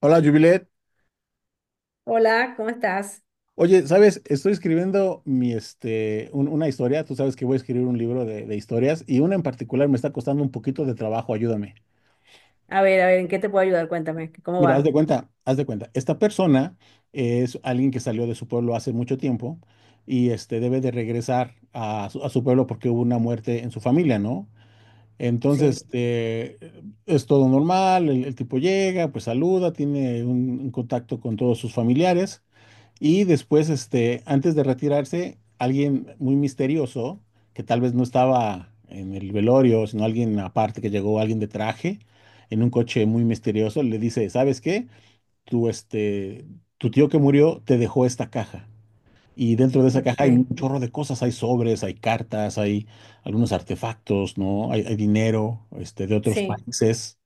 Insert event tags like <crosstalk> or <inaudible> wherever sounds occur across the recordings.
Hola, Jubilet. Hola, ¿cómo estás? Oye, ¿sabes? Estoy escribiendo una historia. Tú sabes que voy a escribir un libro de historias y una en particular me está costando un poquito de trabajo. Ayúdame. A ver, ¿en qué te puedo ayudar? Cuéntame, ¿cómo Mira, haz va? de cuenta, haz de cuenta. Esta persona es alguien que salió de su pueblo hace mucho tiempo y debe de regresar a su pueblo porque hubo una muerte en su familia, ¿no? Sí, Entonces, es todo normal. El tipo llega, pues saluda, tiene un contacto con todos sus familiares. Y después, antes de retirarse, alguien muy misterioso, que tal vez no estaba en el velorio, sino alguien aparte que llegó, alguien de traje, en un coche muy misterioso, le dice, ¿sabes qué? Tu, este, tu tío que murió te dejó esta caja. Y dentro de esa ok, caja hay un chorro de cosas, hay sobres, hay cartas, hay algunos artefactos, ¿no? Hay dinero, de otros sí. países.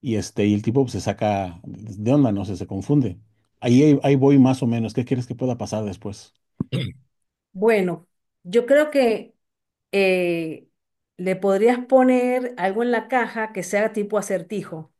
Y el tipo, pues, se saca de onda, no sé, se confunde. Ahí voy más o menos. ¿Qué quieres que pueda pasar después? Bueno, yo creo que eh, le podrías poner algo en la caja que sea tipo acertijo.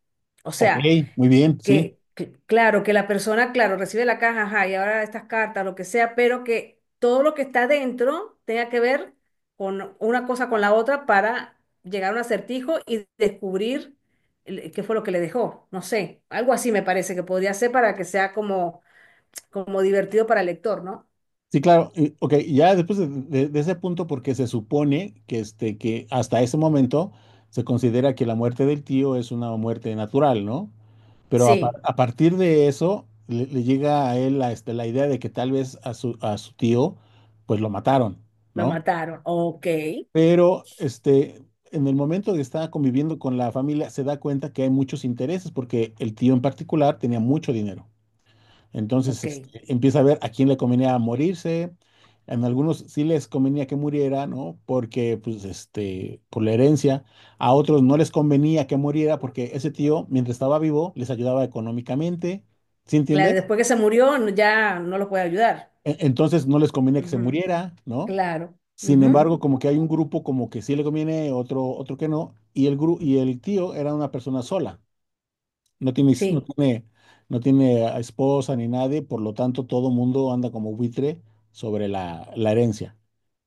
O Ok, sea, muy bien, sí. Claro, que la persona, claro, recibe la caja, ajá, y ahora estas cartas, lo que sea, pero que todo lo que está dentro tenga que ver con una cosa con la otra para llegar a un acertijo y descubrir qué fue lo que le dejó. No sé, algo así me parece que podría ser para que sea como, como divertido para el lector, ¿no? Sí, claro. Ok, ya después de ese punto, porque se supone que hasta ese momento se considera que la muerte del tío es una muerte natural, ¿no? Pero a, par- Sí, a partir de eso le llega a él la idea de que tal vez a su tío, pues, lo mataron, lo ¿no? mataron. Ok, Pero en el momento que estaba conviviendo con la familia, se da cuenta que hay muchos intereses, porque el tío en particular tenía mucho dinero. Entonces, ok. Empieza a ver a quién le convenía morirse. En algunos sí les convenía que muriera, ¿no? Porque, pues, por la herencia. A otros no les convenía que muriera porque ese tío, mientras estaba vivo, les ayudaba económicamente. ¿Sí Claro, entiendes? después que se murió ya no los puede ayudar. Entonces no les convenía que se Ujú. muriera, ¿no? Claro, Sin ujú. embargo, como que hay un grupo como que sí le conviene, otro que no, y el tío era una persona sola, no tiene, no Sí. tiene, no tiene a esposa ni nadie, por lo tanto todo mundo anda como buitre sobre la herencia.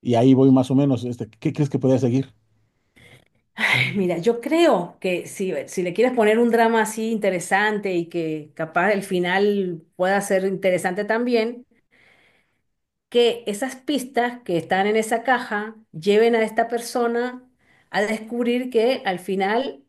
Y ahí voy más o menos, ¿qué crees que podría seguir? Mira, yo creo que si, si le quieres poner un drama así interesante y que capaz el final pueda ser interesante también, que esas pistas que están en esa caja lleven a esta persona a descubrir que al final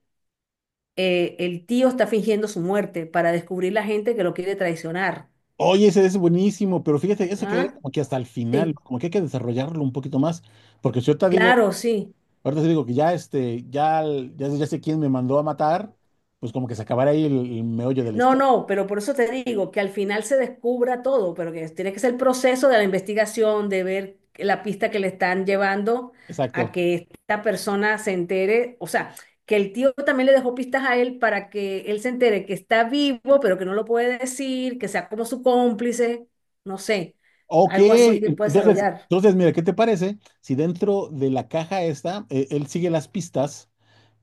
el tío está fingiendo su muerte para descubrir la gente que lo quiere traicionar. Oye, ese es buenísimo, pero fíjate, eso quedaría ¿Ah? como que hasta el final, Sí, como que hay que desarrollarlo un poquito más, porque si yo te digo, claro, sí. ahorita te digo que ya sé quién me mandó a matar, pues como que se acabará ahí el meollo de la No, historia. no, pero por eso te digo que al final se descubra todo, pero que tiene que ser el proceso de la investigación, de ver la pista que le están llevando Exacto. a que esta persona se entere, o sea, que el tío también le dejó pistas a él para que él se entere que está vivo, pero que no lo puede decir, que sea como su cómplice, no sé, Ok. algo así que Bueno, puede entonces, desarrollar. Mira, ¿qué te parece si dentro de la caja esta, él sigue las pistas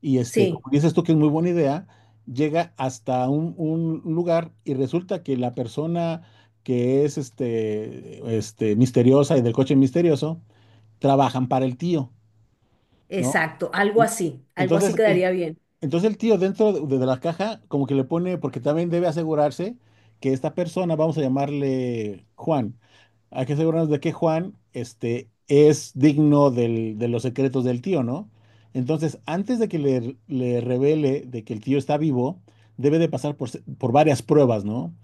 y, Sí, como dices tú que es muy buena idea, llega hasta un lugar y resulta que la persona que es misteriosa y del coche misterioso, trabajan para el tío, ¿no? exacto, En- algo así Entonces, el, quedaría bien. entonces el tío dentro de la caja como que le pone, porque también debe asegurarse que esta persona, vamos a llamarle Juan, hay que asegurarnos de que Juan es digno de los secretos del tío, ¿no? Entonces, antes de que le revele de que el tío está vivo, debe de pasar por varias pruebas, ¿no?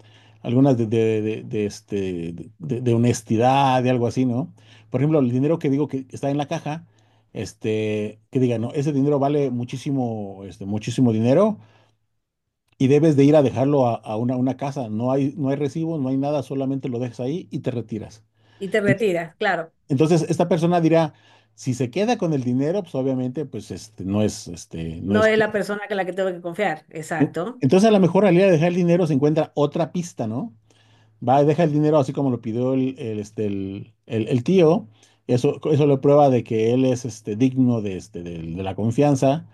Algunas de honestidad, de algo así, ¿no? Por ejemplo, el dinero que digo que está en la caja, que digan: no, ese dinero vale muchísimo, muchísimo dinero, y debes de ir a dejarlo a una casa. No hay recibo, no hay nada, solamente lo dejas ahí y te retiras. Y te Ent- retiras, claro, Entonces, esta persona dirá: si se queda con el dinero, pues obviamente, no es, este, no no es. es la persona que la que tengo que confiar, exacto. Entonces, a lo mejor al ir a dejar el dinero se encuentra otra pista, ¿no? Va, deja el dinero así como lo pidió el, este, el tío. Eso le prueba de que él es, digno de, este, de la confianza.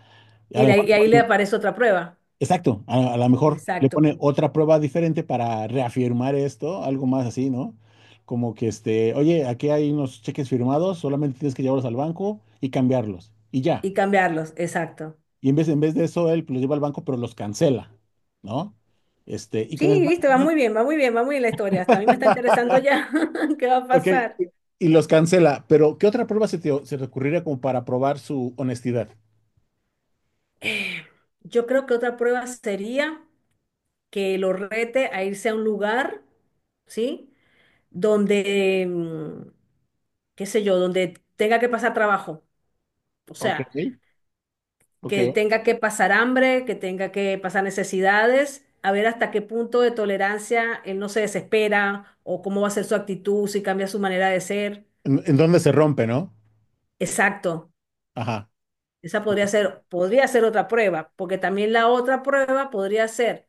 A Y, lo mejor y ahí le aparece otra prueba. Exacto. A lo mejor le Exacto. pone otra prueba diferente para reafirmar esto, algo más así, ¿no? Como que oye, aquí hay unos cheques firmados, solamente tienes que llevarlos al banco y cambiarlos, y ya. Y cambiarlos, exacto. Y en vez de eso, él los lleva al banco, pero los cancela, ¿no? Y Sí, con eso, viste, va muy bien, va muy bien, va muy bien la historia. Hasta a mí me está <laughs> interesando ya <laughs> qué va a ok, pasar. y los cancela, pero ¿qué otra prueba se te ocurriría como para probar su honestidad? Eh, yo creo que otra prueba sería que lo rete a irse a un lugar, ¿sí? Donde, qué sé yo, donde tenga que pasar trabajo. O Ok, sea, que ok. tenga que pasar hambre, que tenga que pasar necesidades, a ver hasta qué punto de tolerancia él no se desespera o cómo va a ser su actitud, si cambia su manera de ser. ¿En dónde se rompe, no? Exacto, Ajá. esa podría ser otra prueba, porque también la otra prueba podría ser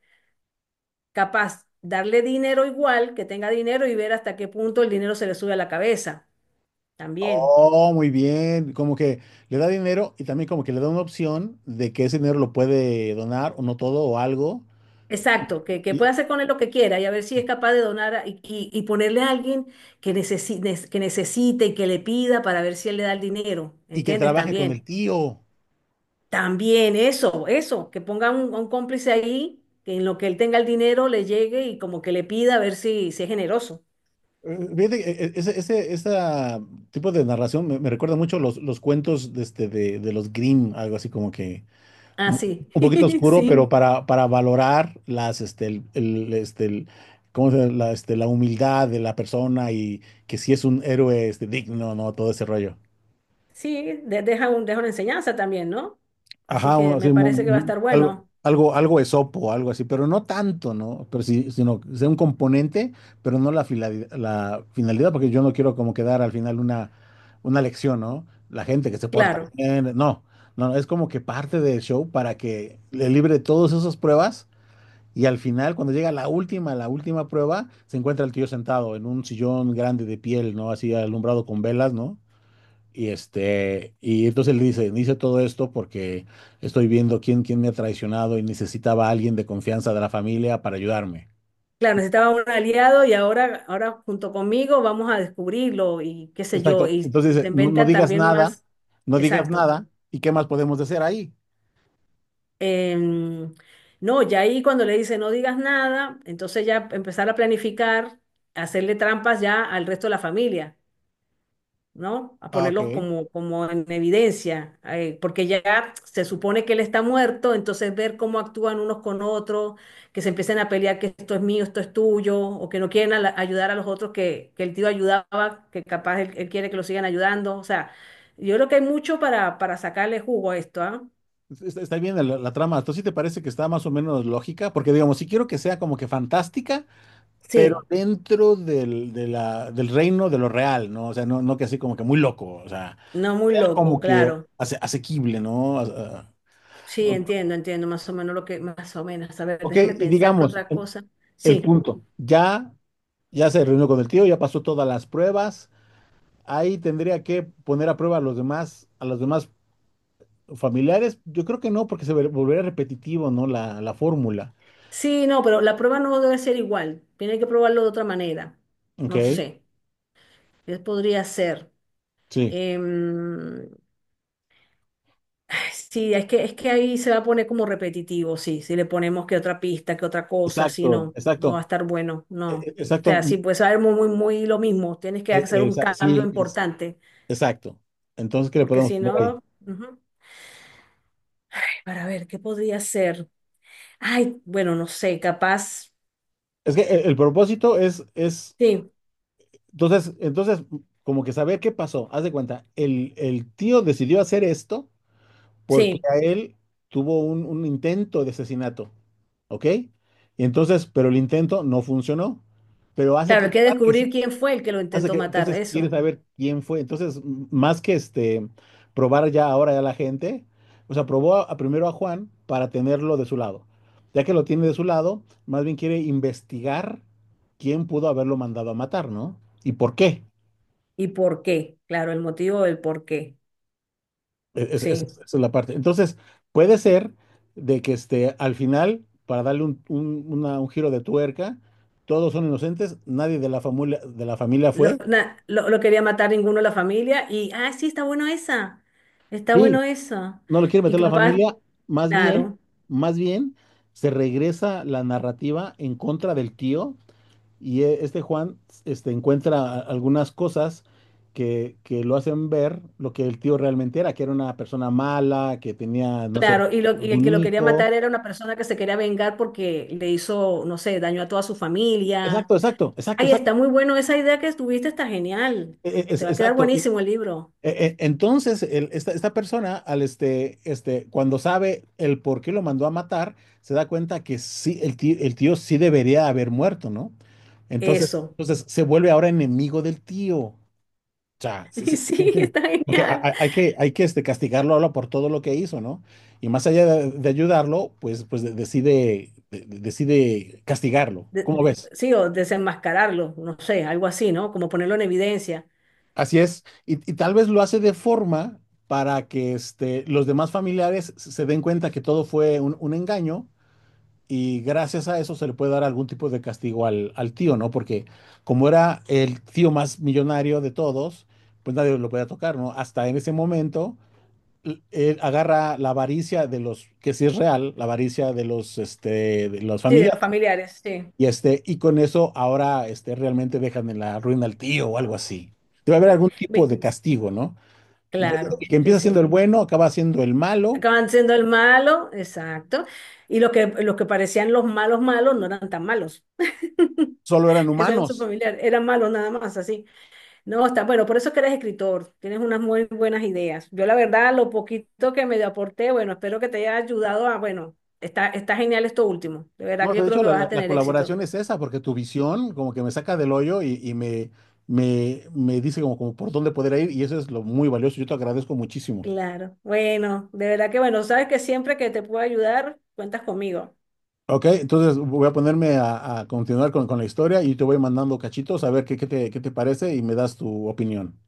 capaz darle dinero igual, que tenga dinero y ver hasta qué punto el dinero se le sube a la cabeza. También. Oh, muy bien. Como que le da dinero y también como que le da una opción de que ese dinero lo puede donar o no todo o algo, Exacto, que y, pueda hacer con él lo que quiera y a ver si es capaz de donar y ponerle a alguien que necesite y que le pida para ver si él le da el dinero, y que ¿entiendes? trabaje con También, el tío. también eso, que ponga un cómplice ahí, que en lo que él tenga el dinero le llegue y como que le pida a ver si, si es generoso. Fíjate que ese, ese esa tipo de narración me recuerda mucho los cuentos de los Grimm, algo así como que Ah, un, sí, un poquito <laughs> oscuro, pero sí, para valorar las, este, el, este, el- ¿cómo se llama? La humildad de la persona y que si es un héroe, digno, no, todo ese rollo. sí, deja un, deja una enseñanza también, ¿no? Así Ajá, o que me así, parece que va a estar algo, bueno, algo, algo esopo, algo así, pero no tanto, ¿no? Pero sí, sino que sea un componente, pero no la finalidad, porque yo no quiero como quedar al final una lección, ¿no? La gente que se porta claro. bien, no, no, es como que parte del show para que le libre todas esas pruebas y, al final, cuando llega la última prueba, se encuentra el tío sentado en un sillón grande de piel, ¿no?, así alumbrado con velas, ¿no? Y entonces le dice: hice todo esto porque estoy viendo quién me ha traicionado y necesitaba a alguien de confianza de la familia para ayudarme. Claro, necesitaba un aliado y ahora, ahora junto conmigo vamos a descubrirlo y qué sé yo, Exacto. Entonces y se dice: no, no inventan digas también nada, más. no digas Exacto. nada. ¿Y qué más podemos hacer ahí? Em, no, ya ahí cuando le dice no digas nada, entonces ya empezar a planificar, hacerle trampas ya al resto de la familia. ¿No? A Ah, ok. ponerlos como, como en evidencia, porque ya se supone que él está muerto, entonces ver cómo actúan unos con otros, que se empiecen a pelear que esto es mío, esto es tuyo, o que no quieren a ayudar a los otros que el tío ayudaba, que capaz él, él quiere que lo sigan ayudando, o sea, yo creo que hay mucho para sacarle jugo a esto, ¿ah? Está bien la trama. ¿Tú sí te parece que está más o menos lógica? Porque digamos, sí quiero que sea como que fantástica, pero Sí, dentro del reino de lo real, ¿no? O sea, no, no que así como que muy loco, o sea, no muy loco, como que claro. Asequible, ¿no? Ah, Sí, ah. entiendo, entiendo, más o menos lo que, más o menos. A ver, Ok, déjame y pensar qué digamos, otra cosa. el Sí. punto, ya, ya se reunió con el tío, ya pasó todas las pruebas, ahí tendría que poner a prueba a los demás, familiares. Yo creo que no, porque volvería repetitivo, ¿no? La fórmula. Sí, no, pero la prueba no debe ser igual. Tiene que probarlo de otra manera. Ok, No sé. ¿Qué podría ser? sí, Em, ay, sí, es que ahí se va a poner como repetitivo, sí. Si le ponemos que otra pista, que otra cosa, sí, exacto, no, exacto, no va a estar bueno, no. O exacto, sea, sí, pues va a ser muy, muy, muy lo mismo. Tienes que hacer un cambio sí, importante, exacto. Entonces, ¿qué le porque podemos si poner ahí? no, ujú. Para ver, ¿qué podría ser? Ay, bueno, no sé, capaz. Es que el propósito es, es, Sí, entonces, entonces, como que saber qué pasó. Haz de cuenta, el tío decidió hacer esto porque sí. a él tuvo un intento de asesinato, ¿ok? Y entonces, pero el intento no funcionó, pero hace Claro, hay que pensar que descubrir sí, quién fue el que lo hace intentó que, matar, entonces quiere eso. saber quién fue. Entonces, más que probar ya ahora ya la gente, o sea, probó primero a Juan para tenerlo de su lado; ya que lo tiene de su lado, más bien quiere investigar quién pudo haberlo mandado a matar, ¿no? ¿Y por qué? ¿Y por qué? Claro, el motivo del por qué. E-, Es- es- Sí. esa es la parte. Entonces, puede ser de que, al final, para darle un giro de tuerca, todos son inocentes, nadie de la familia fue. Lo quería matar ninguno de la familia y, ah, sí, está bueno esa. Está Sí, bueno eso. no lo quiere Y meter la capaz, familia, más bien, claro, más bien se regresa la narrativa en contra del tío, y este Juan encuentra algunas cosas que lo hacen ver lo que el tío realmente era, que era una persona mala, que tenía, no sé, claro. Y, lo, y el algún que lo quería hijo. matar era una persona que se quería vengar porque le hizo, no sé, daño a toda su Exacto, familia. exacto, exacto, Ay, exacto, está muy bueno esa idea que tuviste, está genial. Te va a quedar exacto. Y, buenísimo el libro. Entonces, esta persona, cuando sabe el por qué lo mandó a matar, se da cuenta que sí, el tío sí debería haber muerto, ¿no? Entonces, Eso. entonces se vuelve ahora enemigo del tío. O sea, <laughs> ¿sí- Y sí- sí sí, entiendes? está Porque genial. Hay que, castigarlo ahora por todo lo que hizo, ¿no? Y más allá de ayudarlo, pues decide castigarlo. ¿Cómo ves? Sí, o desenmascararlo, no sé, algo así, ¿no? Como ponerlo en evidencia. Así es, y tal vez lo hace de forma para que, los demás familiares se den cuenta que todo fue un engaño, y gracias a eso se le puede dar algún tipo de castigo al tío, ¿no? Porque como era el tío más millonario de todos, pues nadie lo podía tocar, ¿no? Hasta en ese momento, él agarra la avaricia de los, que sí es real, la avaricia de los Sí, de los familiares, familiares, sí. y con eso ahora, realmente dejan en la ruina al tío o algo así. Debe haber Sí. algún tipo Ve- de castigo, ¿no? Entonces, Claro, el que sí, empieza siendo el sí. bueno acaba siendo el malo; Acaban siendo el malo, exacto. Y los que parecían los malos malos no eran tan malos. <laughs> solo eran Ese era su humanos. familiar, eran malos nada más, así. No, está, bueno, por eso es que eres escritor, tienes unas muy buenas ideas. Yo la verdad, lo poquito que me aporté, bueno, espero que te haya ayudado a, bueno, está, está genial esto último. De verdad No, que yo de creo hecho, que la, vas a la- la tener éxito. colaboración es esa, porque tu visión como que me saca del hoyo y me dice como por dónde poder ir, y eso es lo muy valioso. Yo te agradezco muchísimo. Claro, bueno, de verdad que bueno, sabes que siempre que te pueda ayudar, cuentas conmigo. Ok, entonces voy a ponerme a continuar con la historia y te voy mandando cachitos a ver qué te parece, y me das tu opinión.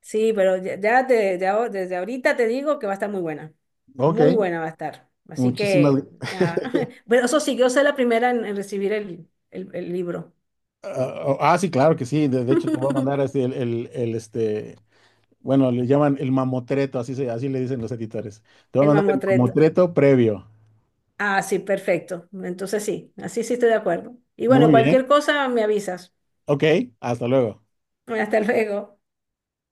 Sí, pero ya, desde ahorita te digo que va a estar muy buena. Ok, Muy buena va a estar. Así muchísimas que, nada. gracias. <laughs> <laughs> Pero eso sí, yo soy la primera en recibir el libro, Ah, oh, ah, sí, claro que sí. De hecho, te voy a mandar <laughs> así. Bueno, le llaman el mamotreto, así le dicen los editores. Te voy el a mandar el mamotreto. mamotreto previo. Ah, sí, perfecto. Entonces sí, así sí estoy de acuerdo. Y bueno, Muy cualquier bien. cosa me avisas. Ok, hasta luego. Hasta luego.